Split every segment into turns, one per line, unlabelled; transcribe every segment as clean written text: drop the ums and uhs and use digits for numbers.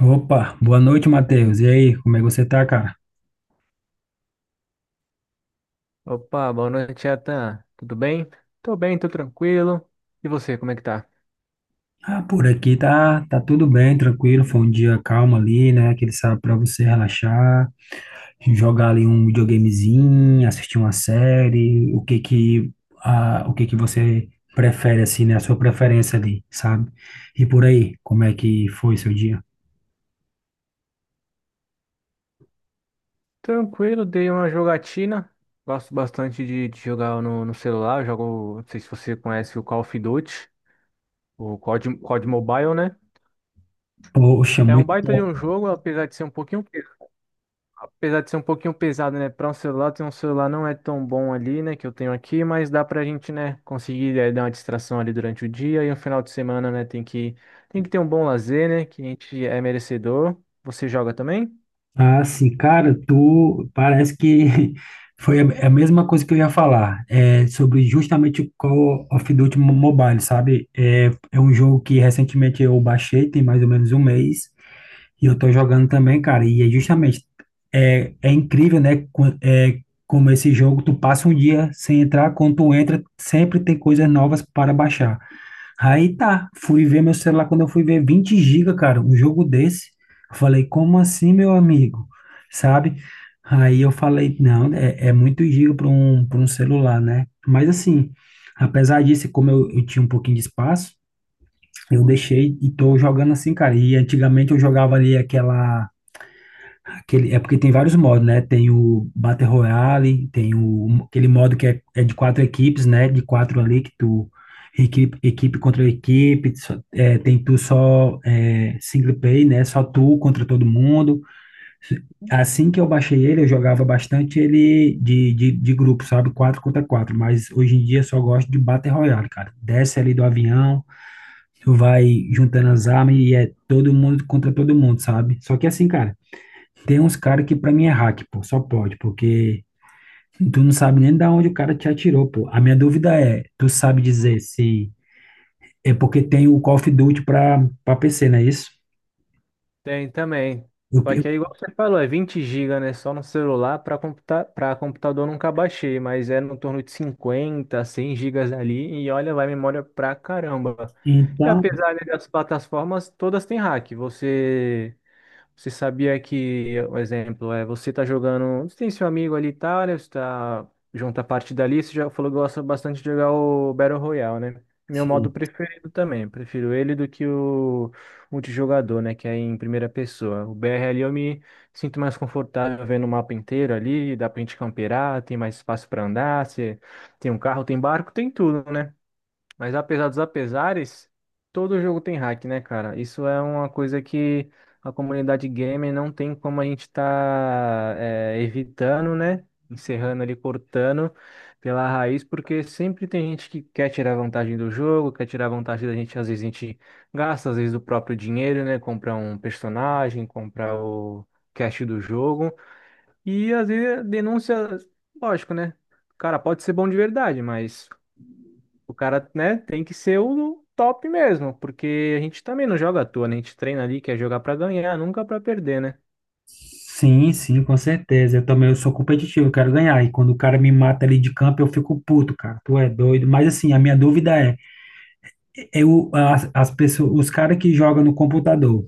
Opa, boa noite, Matheus. E aí, como é que você tá, cara?
Opa, boa noite, Atan. Tudo bem? Tô bem, tô tranquilo. E você, como é que tá?
Ah, por aqui tá, tudo bem, tranquilo. Foi um dia calmo ali, né? Aquele sábado pra você relaxar, jogar ali um videogamezinho, assistir uma série. O que que você prefere, assim, né? A sua preferência ali, sabe? E por aí, como é que foi seu dia?
Tranquilo, dei uma jogatina. Gosto bastante de jogar no celular. Eu jogo, não sei se você conhece o Call of Duty, o COD Mobile, né?
Poxa,
É um
muito
baita de um
top.
jogo, apesar de ser um pouquinho pesado, né? Para um celular, tem um celular não é tão bom ali, né? Que eu tenho aqui, mas dá pra gente, né? Conseguir dar uma distração ali durante o dia e no final de semana, né? Tem que ter um bom lazer, né? Que a gente é merecedor. Você joga também?
Ah, sim, cara, tu parece que foi a mesma coisa que eu ia falar, é, sobre justamente o Call of Duty Mobile, sabe? É um jogo que recentemente eu baixei, tem mais ou menos um mês, e eu tô jogando também, cara, e é justamente, é incrível, né, é, como esse jogo, tu passa um dia sem entrar, quando tu entra, sempre tem coisas novas para baixar. Aí tá, fui ver meu celular quando eu fui ver 20 giga, cara, um jogo desse. Eu falei, como assim, meu amigo? Sabe? Aí eu falei, não, é muito giga para um celular, né? Mas assim, apesar disso, como eu tinha um pouquinho de espaço, eu deixei e tô jogando assim, cara. E antigamente eu jogava ali aquela aquele, é porque tem vários modos, né? Tem o Battle Royale, tem o, aquele modo que é de quatro equipes, né? De quatro ali que tu equipe contra equipe, é, tem tu só é, single play, né? Só tu contra todo mundo. Assim que eu baixei ele, eu jogava bastante ele de grupo, sabe? Quatro contra quatro, mas hoje em dia eu só gosto de Battle Royale, cara. Desce ali do avião, tu vai juntando as armas e é todo mundo contra todo mundo, sabe? Só que assim, cara. Tem uns caras que pra mim é hack, pô, só pode, porque tu não sabe nem da onde o cara te atirou, pô. A minha dúvida é, tu sabe dizer se é porque tem o Call of Duty pra PC, não é isso?
Tem também.
Eu-
Só que é
eu-
igual você falou, é 20 GB, né? Só no celular para computador eu nunca baixei, mas é no torno de 50 100 gigas ali e olha, vai memória pra caramba. E
então,
apesar né, das plataformas, todas têm hack. Você sabia que, um exemplo, é você tá jogando. Você tem seu amigo ali e tal, né? Você tá junto à partida ali. Você já falou que gosta bastante de jogar o Battle Royale, né? Meu modo
sim.
preferido também. Prefiro ele do que o multijogador, né? Que é em primeira pessoa. O BR ali eu me sinto mais confortável vendo o mapa inteiro ali. Dá pra gente camperar, tem mais espaço pra andar. Você tem um carro, tem barco, tem tudo, né? Mas apesar dos apesares, todo jogo tem hack, né, cara? Isso é uma coisa que a comunidade gamer não tem como a gente tá evitando, né? Encerrando ali, cortando pela raiz, porque sempre tem gente que quer tirar vantagem do jogo, quer tirar vantagem da gente. Às vezes a gente gasta, às vezes, o próprio dinheiro, né? Comprar um personagem, comprar o cash do jogo. E às vezes denúncia, lógico, né? Cara, pode ser bom de verdade, mas. O cara, né, tem que ser o top mesmo, porque a gente também não joga à toa, né? A gente treina ali, quer jogar pra ganhar, nunca pra perder, né?
Sim, sim, com certeza. Eu também eu sou competitivo, eu quero ganhar. E quando o cara me mata ali de campo, eu fico puto, cara. Tu é doido. Mas assim, a minha dúvida é, eu, as pessoas, os caras que jogam no computador,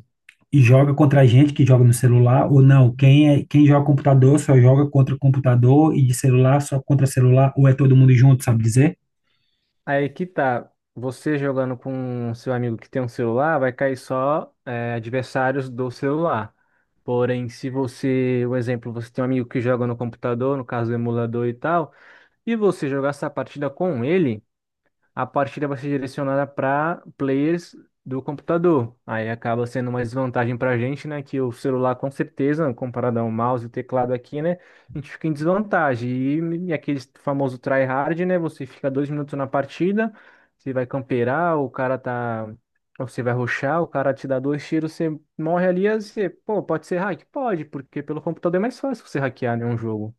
e joga contra a gente que joga no celular, ou não, quem é, quem joga computador só joga contra o computador e de celular só contra celular, ou é todo mundo junto, sabe dizer?
Aí que tá, você jogando com seu amigo que tem um celular, vai cair só é, adversários do celular. Porém, se você, um exemplo, você tem um amigo que joga no computador, no caso do emulador e tal, e você jogar essa partida com ele. A partida vai ser direcionada para players do computador. Aí acaba sendo uma desvantagem para a gente, né? Que o celular, com certeza, comparado ao mouse e teclado aqui, né? A gente fica em desvantagem. E aquele famoso tryhard, né? Você fica 2 minutos na partida, você vai camperar, o cara tá. Ou você vai rushar, o cara te dá 2 tiros, você morre ali, aí você, pô, pode ser hack? Pode, porque pelo computador é mais fácil você hackear, né, um jogo.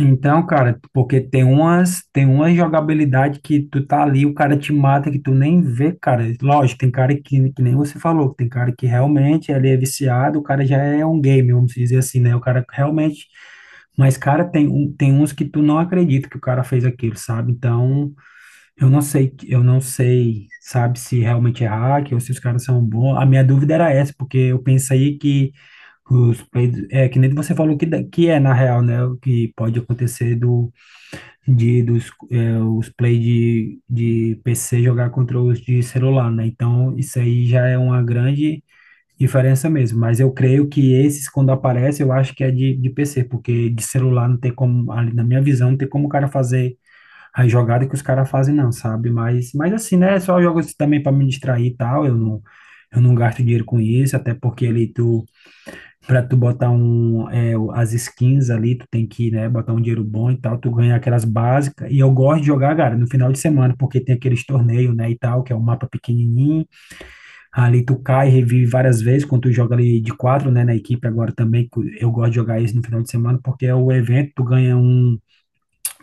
Então, cara, porque tem umas, tem uma jogabilidade que tu tá ali, o cara te mata que tu nem vê, cara. Lógico, tem cara que nem você falou, tem cara que realmente ele é viciado, o cara já é um game, vamos dizer assim, né? O cara realmente, mas cara, tem uns que tu não acredita que o cara fez aquilo, sabe? Então, eu não sei, sabe, se realmente é hack ou se os caras são bons. A minha dúvida era essa, porque eu pensei que os peidos, é que nem você falou que, que é na real, né, o que pode acontecer do de dos é, os play de PC jogar contra os de celular, né? Então, isso aí já é uma grande diferença mesmo, mas eu creio que esses quando aparecem, eu acho que é de PC, porque de celular não tem como, ali na minha visão, não tem como o cara fazer a jogada que os caras fazem, não, sabe? Mas assim, né? Só jogos também para me distrair e tal. Eu não gasto dinheiro com isso, até porque ali tu, para tu botar um, as skins ali, tu tem que, né, botar um dinheiro bom e tal, tu ganha aquelas básicas. E eu gosto de jogar, cara, no final de semana, porque tem aqueles torneios, né, e tal, que é um mapa pequenininho. Ali tu cai e revive várias vezes quando tu joga ali de quatro, né, na equipe agora também. Eu gosto de jogar isso no final de semana, porque é o evento, tu ganha um.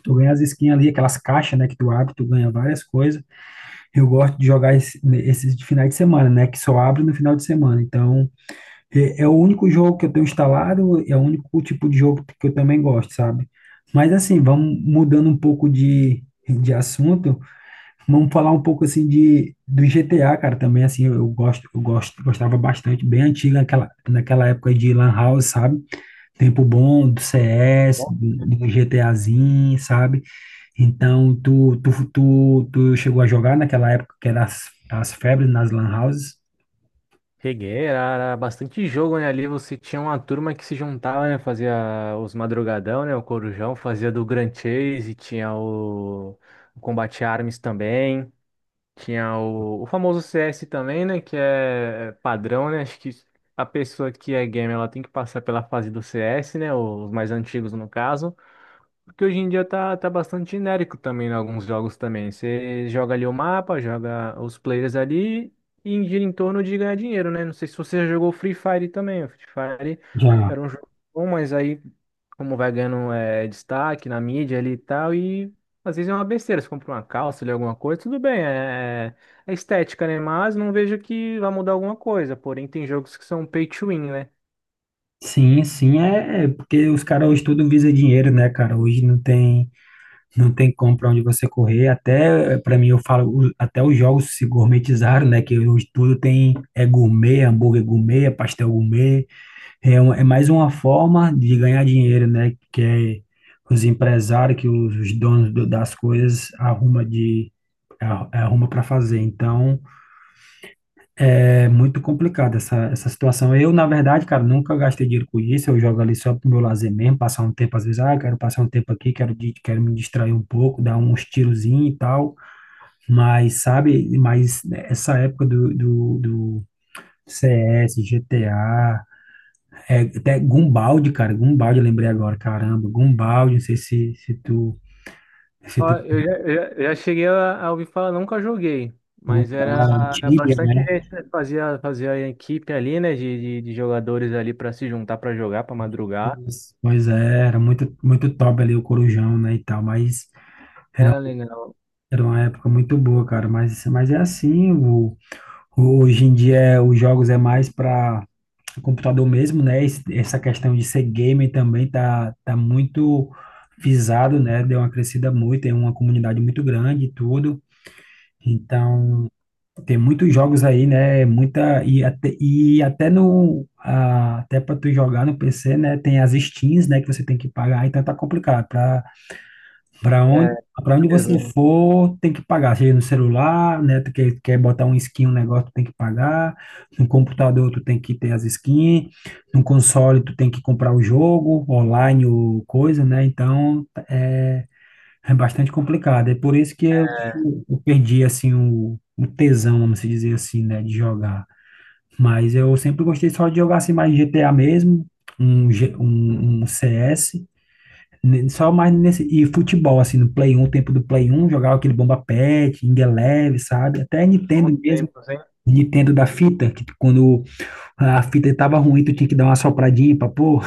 Tu ganha as skins ali, aquelas caixas, né, que tu abre, tu ganha várias coisas. Eu gosto de jogar esses de finais de semana, né, que só abre no final de semana. Então, é o único jogo que eu tenho instalado, é o único tipo de jogo que eu também gosto, sabe? Mas assim, vamos mudando um pouco de assunto, vamos falar um pouco assim de do GTA, cara, também assim, eu gosto, gostava bastante, bem antiga naquela época de Lan House, sabe? Tempo bom do CS, do GTAzinho, sabe? Então, tu chegou a jogar naquela época que era as febres nas lan houses?
Cheguei, era bastante jogo, né? Ali você tinha uma turma que se juntava, né? Fazia os madrugadão, né? O Corujão fazia do Grand Chase, tinha o Combate Arms também, tinha o famoso CS também, né? Que é padrão, né? Acho que a pessoa que é gamer, ela tem que passar pela fase do CS, né? Os mais antigos, no caso. Porque hoje em dia tá bastante genérico também em alguns jogos também. Você joga ali o mapa, joga os players ali e gira em torno de ganhar dinheiro, né? Não sei se você já jogou Free Fire também. O Free Fire
Já.
era um jogo bom, mas aí como vai ganhando destaque na mídia ali e tal, e às vezes é uma besteira. Você compra uma calça ali, alguma coisa, tudo bem, é estética, né? Mas não vejo que vai mudar alguma coisa. Porém, tem jogos que são pay to win, né?
Sim, sim, é porque os caras hoje tudo visa dinheiro, né, cara? Hoje não tem, não tem como pra onde você correr. Até, para mim, eu falo, até os jogos se gourmetizaram, né? Que hoje tudo tem, é gourmet, hambúrguer gourmet, é pastel gourmet. É, é mais uma forma de ganhar dinheiro, né? Que é os empresários, que os donos das coisas arruma arruma para fazer. Então, é muito complicado essa situação. Eu, na verdade, cara, nunca gastei dinheiro com isso. Eu jogo ali só pro meu lazer mesmo, passar um tempo, às vezes, ah, quero passar um tempo aqui, quero, quero me distrair um pouco, dar uns tirozinhos e tal. Mas, sabe, mas essa época do CS, GTA. É, até Gumbaldi, cara, Gumbaldi, eu lembrei agora, caramba, Gumbaldi, não sei se
Ó,
tu,
eu já cheguei a ouvir falar, nunca joguei, mas era
Gumbaldi,
era
Tibia,
bastante
né?
gente, né? Fazia a equipe ali, né, de jogadores ali para se juntar para jogar, para madrugar.
Isso. Pois é, era muito, muito top ali o Corujão, né, e tal, mas era,
Era legal.
era uma época muito boa, cara, mas é assim, o, hoje em dia os jogos é mais para computador mesmo, né, essa questão de ser gamer também tá, tá muito visado, né, deu uma crescida muito, tem uma comunidade muito grande e tudo, então... Tem muitos jogos aí, né? Muita e até, no até para tu jogar no PC, né? Tem as skins, né? Que você tem que pagar. Então tá complicado. Para
É,
para onde você
mesmo.
for, tem que pagar. Seja no celular, né? Quer botar um skin, um negócio, tu tem que pagar. No computador, tu tem que ter as skins. No console, tu tem que comprar o jogo online ou coisa, né? Então é bastante complicado. É por isso que
É,
eu perdi assim o tesão, vamos dizer assim, né, de jogar. Mas eu sempre gostei só de jogar assim mais GTA mesmo, um CS, só mais nesse e futebol assim no Play um tempo do Play um jogava aquele Bomba pet Ing Eleven, sabe? Até
bons
Nintendo mesmo.
tempos, hein?
Nintendo da fita, que quando a fita estava ruim, tu tinha que dar uma sopradinha pra pôr.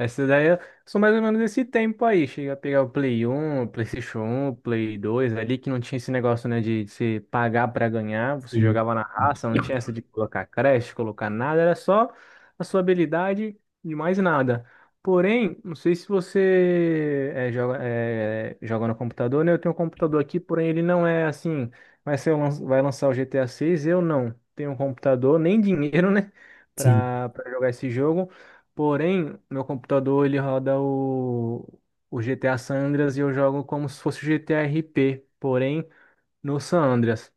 Essa daí eu sou mais ou menos desse tempo aí. Chega a pegar o Play 1, PlayStation 1, Play 2, ali que não tinha esse negócio, né, de se pagar pra ganhar. Você
E,
jogava na raça, não tinha essa de colocar creche, colocar nada, era só a sua habilidade e mais nada. Porém, não sei se você joga no computador, né? Eu tenho um computador aqui, porém ele não é assim. Vai lançar o GTA 6, eu não tenho um computador, nem dinheiro, né,
sim,
pra jogar esse jogo. Porém, meu computador ele roda o GTA San Andreas e eu jogo como se fosse o GTA RP, porém no San Andreas.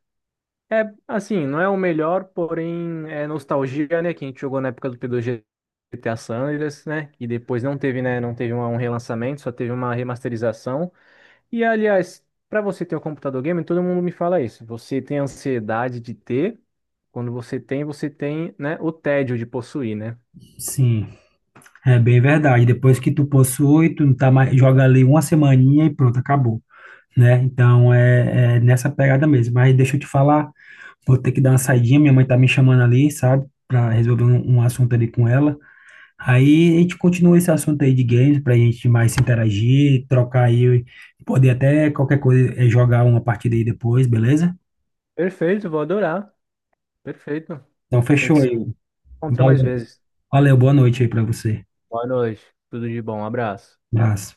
É assim, não é o melhor, porém é nostalgia, né? Que a gente jogou na época do P2 GTA San Andreas, né? Que depois não teve, né? Não teve um relançamento, só teve uma remasterização. E aliás, para você ter um computador game, todo mundo me fala isso. Você tem ansiedade de ter. Quando você tem, né, o tédio de possuir, né?
sim. É bem verdade. Depois que tu possui, tu não tá mais, joga ali uma semaninha e pronto, acabou, né? Então é nessa pegada mesmo. Mas deixa eu te falar, vou ter que dar uma saidinha, minha mãe tá me chamando ali, sabe? Pra resolver um assunto ali com ela. Aí a gente continua esse assunto aí de games, pra gente mais se interagir, trocar aí, poder até qualquer coisa, eh, jogar uma partida aí depois, beleza?
Perfeito, vou adorar. Perfeito. A
Então fechou
gente se
aí.
encontra mais
Valeu,
vezes.
valeu boa noite aí pra você.
Boa noite. Tudo de bom. Um abraço.
Abraço.